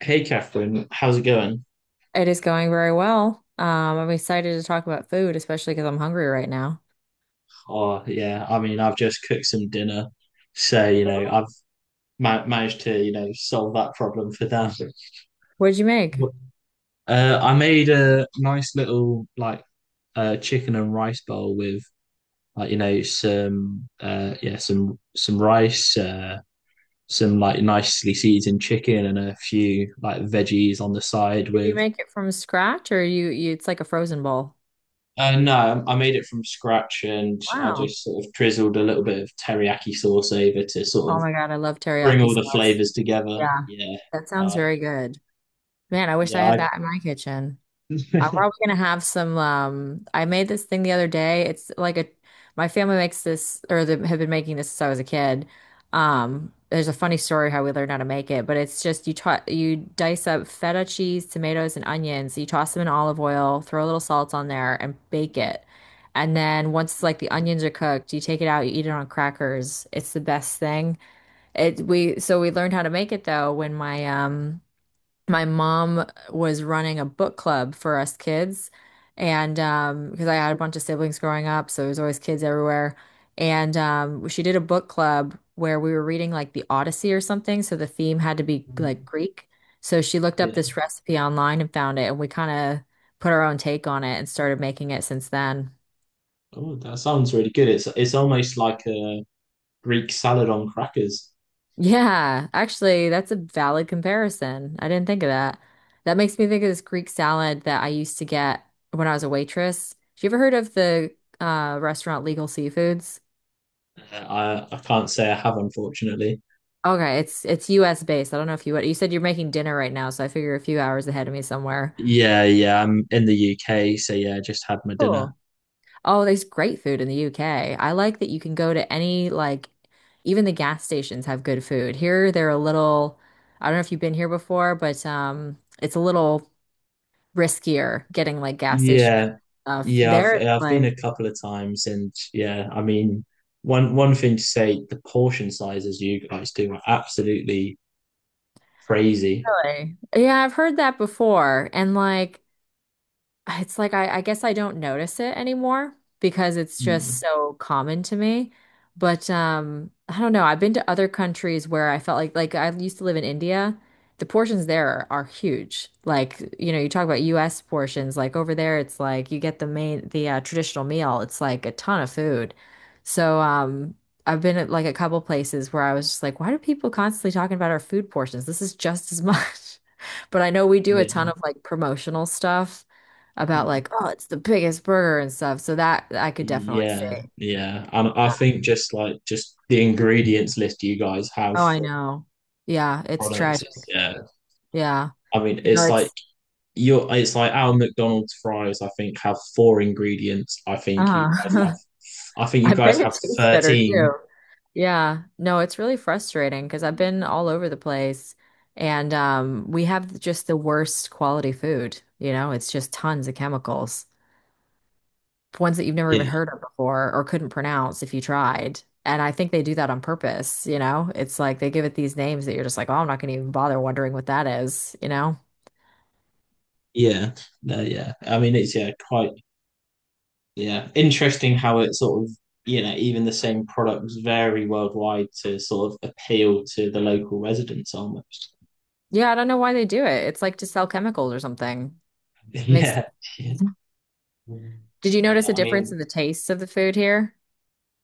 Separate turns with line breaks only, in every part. Hey Catherine, how's it going?
It is going very well. I'm excited to talk about food, especially because I'm hungry right now.
Oh yeah, I mean I've just cooked some dinner, so you know I've ma managed to solve that problem for them.
What'd you make?
I made a nice little like chicken and rice bowl with some rice, some like nicely seasoned chicken and a few like veggies on the side
Did you
with.
make it from scratch or you it's like a frozen bowl?
No, I made it from scratch and I
Wow.
just sort of drizzled a little bit of teriyaki sauce over to sort
Oh
of
my God, I love
bring
teriyaki
all the
sauce.
flavors together.
Yeah,
Yeah,
that sounds
uh,
very good. Man, I wish
yeah,
I had
I,
that in my kitchen. I'm probably gonna have some. I made this thing the other day. It's like a, my family makes this, or they have been making this since I was a kid. There's a funny story how we learned how to make it, but it's just you dice up feta cheese, tomatoes, and onions. You toss them in olive oil, throw a little salt on there, and bake it. And then once like the onions are cooked, you take it out, you eat it on crackers. It's the best thing. It we so we learned how to make it though when my my mom was running a book club for us kids, and because I had a bunch of siblings growing up, so there was always kids everywhere. And she did a book club where we were reading like the Odyssey or something, so the theme had to be like Greek. So she looked up
yeah.
this recipe online and found it, and we kind of put our own take on it and started making it since then.
Oh, that sounds really good. It's almost like a Greek salad on crackers.
Yeah, actually, that's a valid comparison. I didn't think of that. That makes me think of this Greek salad that I used to get when I was a waitress. Have you ever heard of the restaurant Legal Seafoods?
Uh, I can't say I have, unfortunately.
Okay, it's US based. I don't know if you would. You said you're making dinner right now, so I figure a few hours ahead of me somewhere.
Yeah, yeah. I'm in the UK, so yeah, I just had my dinner.
Cool. Oh, there's great food in the UK. I like that you can go to any like even the gas stations have good food. Here they're a little, I don't know if you've been here before, but it's a little riskier getting like gas station
Yeah,
stuff.
yeah. I've
There, it's
I've been
like,
a couple of times, and yeah, I mean, one thing to say, the portion sizes you guys do are absolutely crazy.
really? Yeah, I've heard that before. And like, it's like I guess I don't notice it anymore because it's just
Mm,
so common to me. But I don't know. I've been to other countries where I felt like I used to live in India. The portions there are huge. Like, you know, you talk about US portions, like over there it's like you get the traditional meal. It's like a ton of food. So I've been at like a couple places where I was just like, why do people constantly talking about our food portions? This is just as much. But I know we do a ton
yeah.
of like promotional stuff about
Mm.
like, oh, it's the biggest burger and stuff. So that I could definitely
Yeah,
say,
yeah. And I
yeah.
think just like just the ingredients list you guys have
Oh, I
for
know. Yeah, it's
products is
tragic.
yeah.
Yeah.
I mean,
You know,
it's like
it's
your it's like our McDonald's fries, I think, have four ingredients.
uh
I think you
I bet
guys
it
have
tastes better too.
13.
Yeah. No, it's really frustrating because I've been all over the place, and we have just the worst quality food. You know, it's just tons of chemicals, ones that you've never even
Yeah,
heard of before or couldn't pronounce if you tried. And I think they do that on purpose, you know? It's like they give it these names that you're just like, oh, I'm not going to even bother wondering what that is, you know?
yeah. No, yeah. I mean, it's yeah, quite yeah. Interesting how it sort of, you know, even the same products vary worldwide to sort of appeal to the local residents almost.
Yeah, I don't know why they do it. It's like to sell chemicals or something. It makes,
Yeah. Yeah.
did you
Yeah,
notice a
I
difference
mean,
in the tastes of the food here?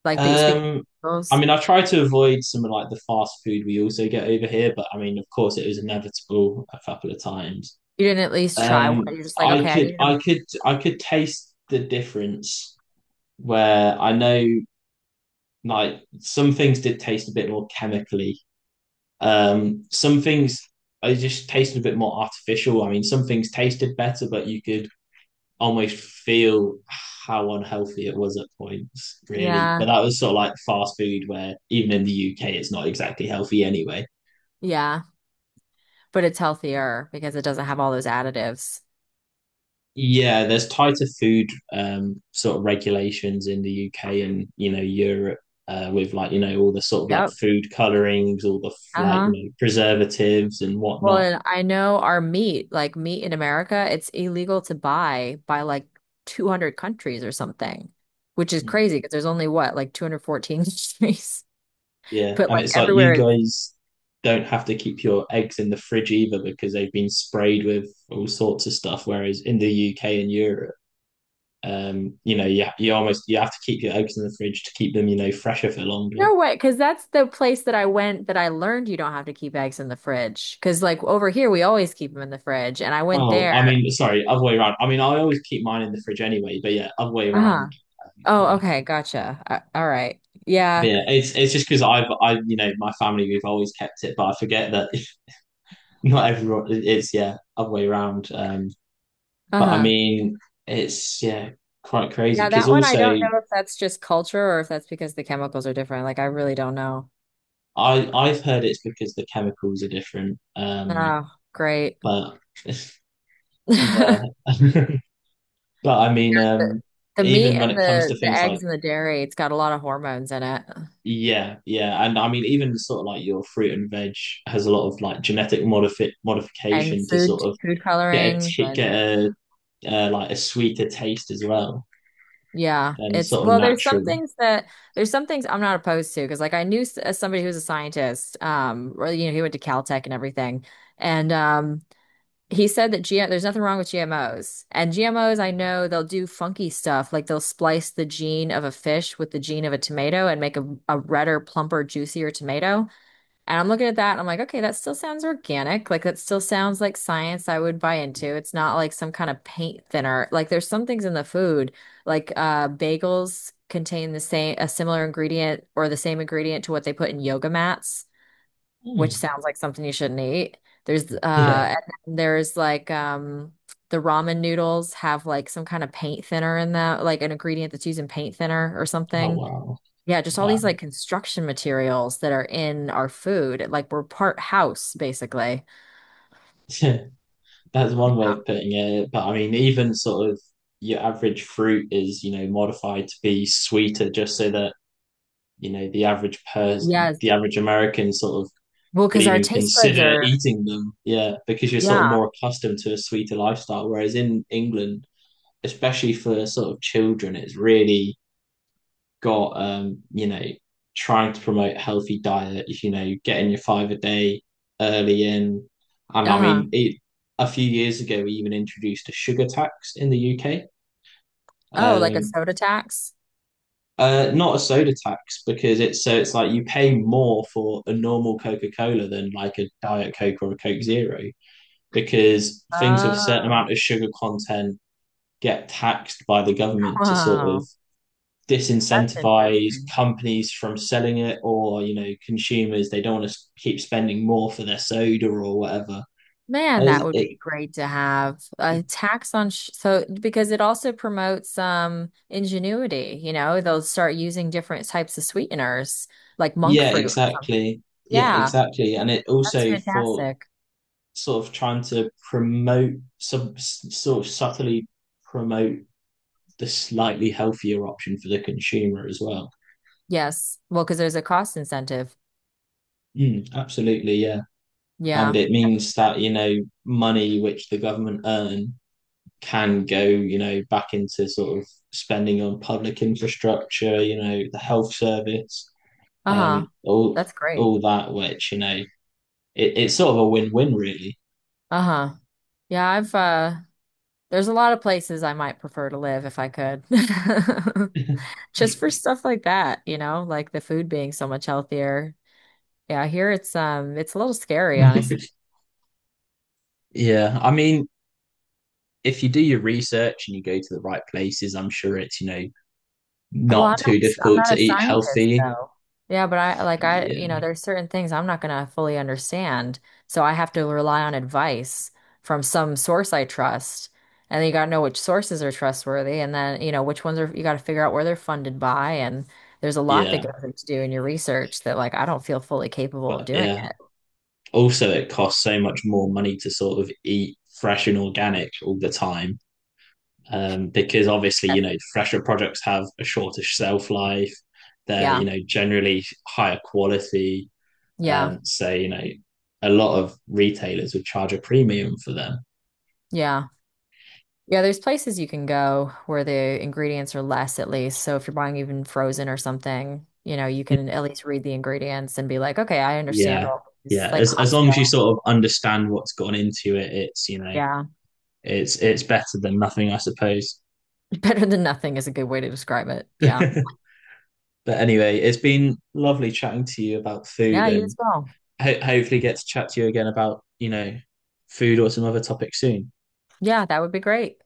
Like, but you speak
Um, I
chemicals.
mean, I try to avoid some of like the fast food we also get over here, but I mean, of course, it was inevitable a couple of times.
You didn't at least try one. You're just like, okay, I need them.
I could taste the difference where I know like some things did taste a bit more chemically. Some things I just tasted a bit more artificial. I mean, some things tasted better, but you could almost feel how unhealthy it was at points, really. But
Yeah,
that was sort of like fast food, where even in the UK, it's not exactly healthy anyway.
yeah. But it's healthier because it doesn't have all those additives.
Yeah, there's tighter food sort of regulations in the UK and you know Europe, with like you know all the sort of like
Yep.
food colorings, all the like you
Uh-huh.
know preservatives and
Well,
whatnot.
and I know our meat, like meat in America, it's illegal to buy by like 200 countries or something, which is
Mm.
crazy because there's only what, like 214 countries.
Yeah,
But
and
like
it's like you
everywhere it's
guys don't have to keep your eggs in the fridge either because they've been sprayed with all sorts of stuff. Whereas in the UK and Europe, you know, you almost you have to keep your eggs in the fridge to keep them, you know, fresher for longer.
no way, because that's the place that I went that I learned you don't have to keep eggs in the fridge. Because like over here, we always keep them in the fridge. And I went
Oh, I
there.
mean, sorry, other way around. I mean, I always keep mine in the fridge anyway, but yeah, other way
Uh-huh.
around.
Oh,
Yeah,
okay. Gotcha. All right.
but
Yeah.
yeah, it's just because I've I you know my family we've always kept it, but I forget that not everyone it's yeah other way around. But I
Uh-huh.
mean, it's yeah quite crazy
Yeah,
because
that one I
also
don't know if that's just culture or if that's because the chemicals are different. Like I really don't know.
I've heard it's because the chemicals are different.
Oh, great.
But yeah. But I mean,
The, the meat
even when
and
it comes to
the
things like,
eggs and the dairy, it's got a lot of hormones in it.
yeah, yeah, and I mean, even sort of like your fruit and veg has a lot of like genetic modifi
And
modification to sort of
food colorings
get
and
a like a sweeter taste as well,
yeah,
and
it's
sort of
well
natural.
there's some things I'm not opposed to because like I knew somebody who was a scientist, or you know he went to Caltech and everything, and he said that G there's nothing wrong with GMOs. And GMOs, I know they'll do funky stuff like they'll splice the gene of a fish with the gene of a tomato and make a redder, plumper, juicier tomato. And I'm looking at that and I'm like, okay, that still sounds organic. Like that still sounds like science I would buy into. It's not like some kind of paint thinner. Like there's some things in the food, like bagels contain the same a similar ingredient or the same ingredient to what they put in yoga mats, which
Hmm.
sounds like something you shouldn't eat. There's
Yeah.
and then there's like the ramen noodles have like some kind of paint thinner in them, like an ingredient that's used in paint thinner or
Oh
something.
wow,
Yeah, just all these
wow.
like construction materials that are in our food. Like we're part house, basically.
That's
Yeah.
one way of putting it. But I mean, even sort of your average fruit is, you know, modified to be sweeter just so that, you know, the average person,
Yes.
the average American sort of
Well,
would
because our
even
taste buds
consider
are,
eating them. Yeah, because you're sort of
yeah.
more accustomed to a sweeter lifestyle. Whereas in England, especially for sort of children, it's really got you know, trying to promote a healthy diet, you know, getting your five a day early in. And I
Uh-huh.
mean, it, a few years ago, we even introduced a sugar tax in the UK.
Oh, like a
Um,
soda tax?
Not a soda tax because it's so it's like you pay more for a normal Coca-Cola than like a Diet Coke or a Coke Zero. Because things with a certain
Oh,
amount of sugar content get taxed by the government to sort of
wow. That's
disincentivize
interesting.
companies from selling it or you know consumers they don't want to keep spending more for their soda or whatever.
Man,
And
that
it,
would
it
be great to have a tax on sh so because it also promotes ingenuity, you know, they'll start using different types of sweeteners like monk
yeah
fruit or something.
exactly, yeah
Yeah,
exactly, and it
that's
also for
fantastic.
sort of trying to promote some sort of subtly promote the slightly healthier option for the consumer as well.
Yes. Well, because there's a cost incentive.
Mm, absolutely yeah, and
Yeah.
it means that you know money which the government earn can go you know back into sort of spending on public infrastructure, you know, the health service, um
Uh-huh.
all
That's great.
all that which you know it's sort of a win-win really.
Uh-huh. Yeah, I've there's a lot of places I might prefer to live if I could. Just for stuff like that, you know, like the food being so much healthier. Yeah, here it's a little scary, honestly.
Yeah, I mean, if you do your research and you go to the right places, I'm sure it's, you know,
Well,
not too
I'm
difficult
not
to
a
eat
scientist
healthy.
though. Yeah, but I like
Yeah,
you know, there's certain things I'm not gonna fully understand. So I have to rely on advice from some source I trust. And then you gotta know which sources are trustworthy and then, you know, which ones are you gotta figure out where they're funded by. And there's a lot that
yeah,
goes into doing your research that like I don't feel fully capable of
but
doing.
yeah also it costs so much more money to sort of eat fresh and organic all the time, because obviously
Yeah.
you know fresher products have a shorter shelf life, they're you
Yeah.
know generally higher quality,
Yeah.
so you know a lot of retailers would charge a premium for them.
Yeah. Yeah, there's places you can go where the ingredients are less at least. So if you're buying even frozen or something, you know, you can at least read the ingredients and be like, okay, I understand
Yeah,
all this.
yeah,
Like
as long as
Costco.
you sort of understand what's gone into it it's you know
Yeah.
it's better than nothing I suppose.
Better than nothing is a good way to describe it.
But
Yeah.
anyway, it's been lovely chatting to you about food,
Yeah, you
and
as well.
hopefully get to chat to you again about you know food or some other topic soon.
Yeah, that would be great.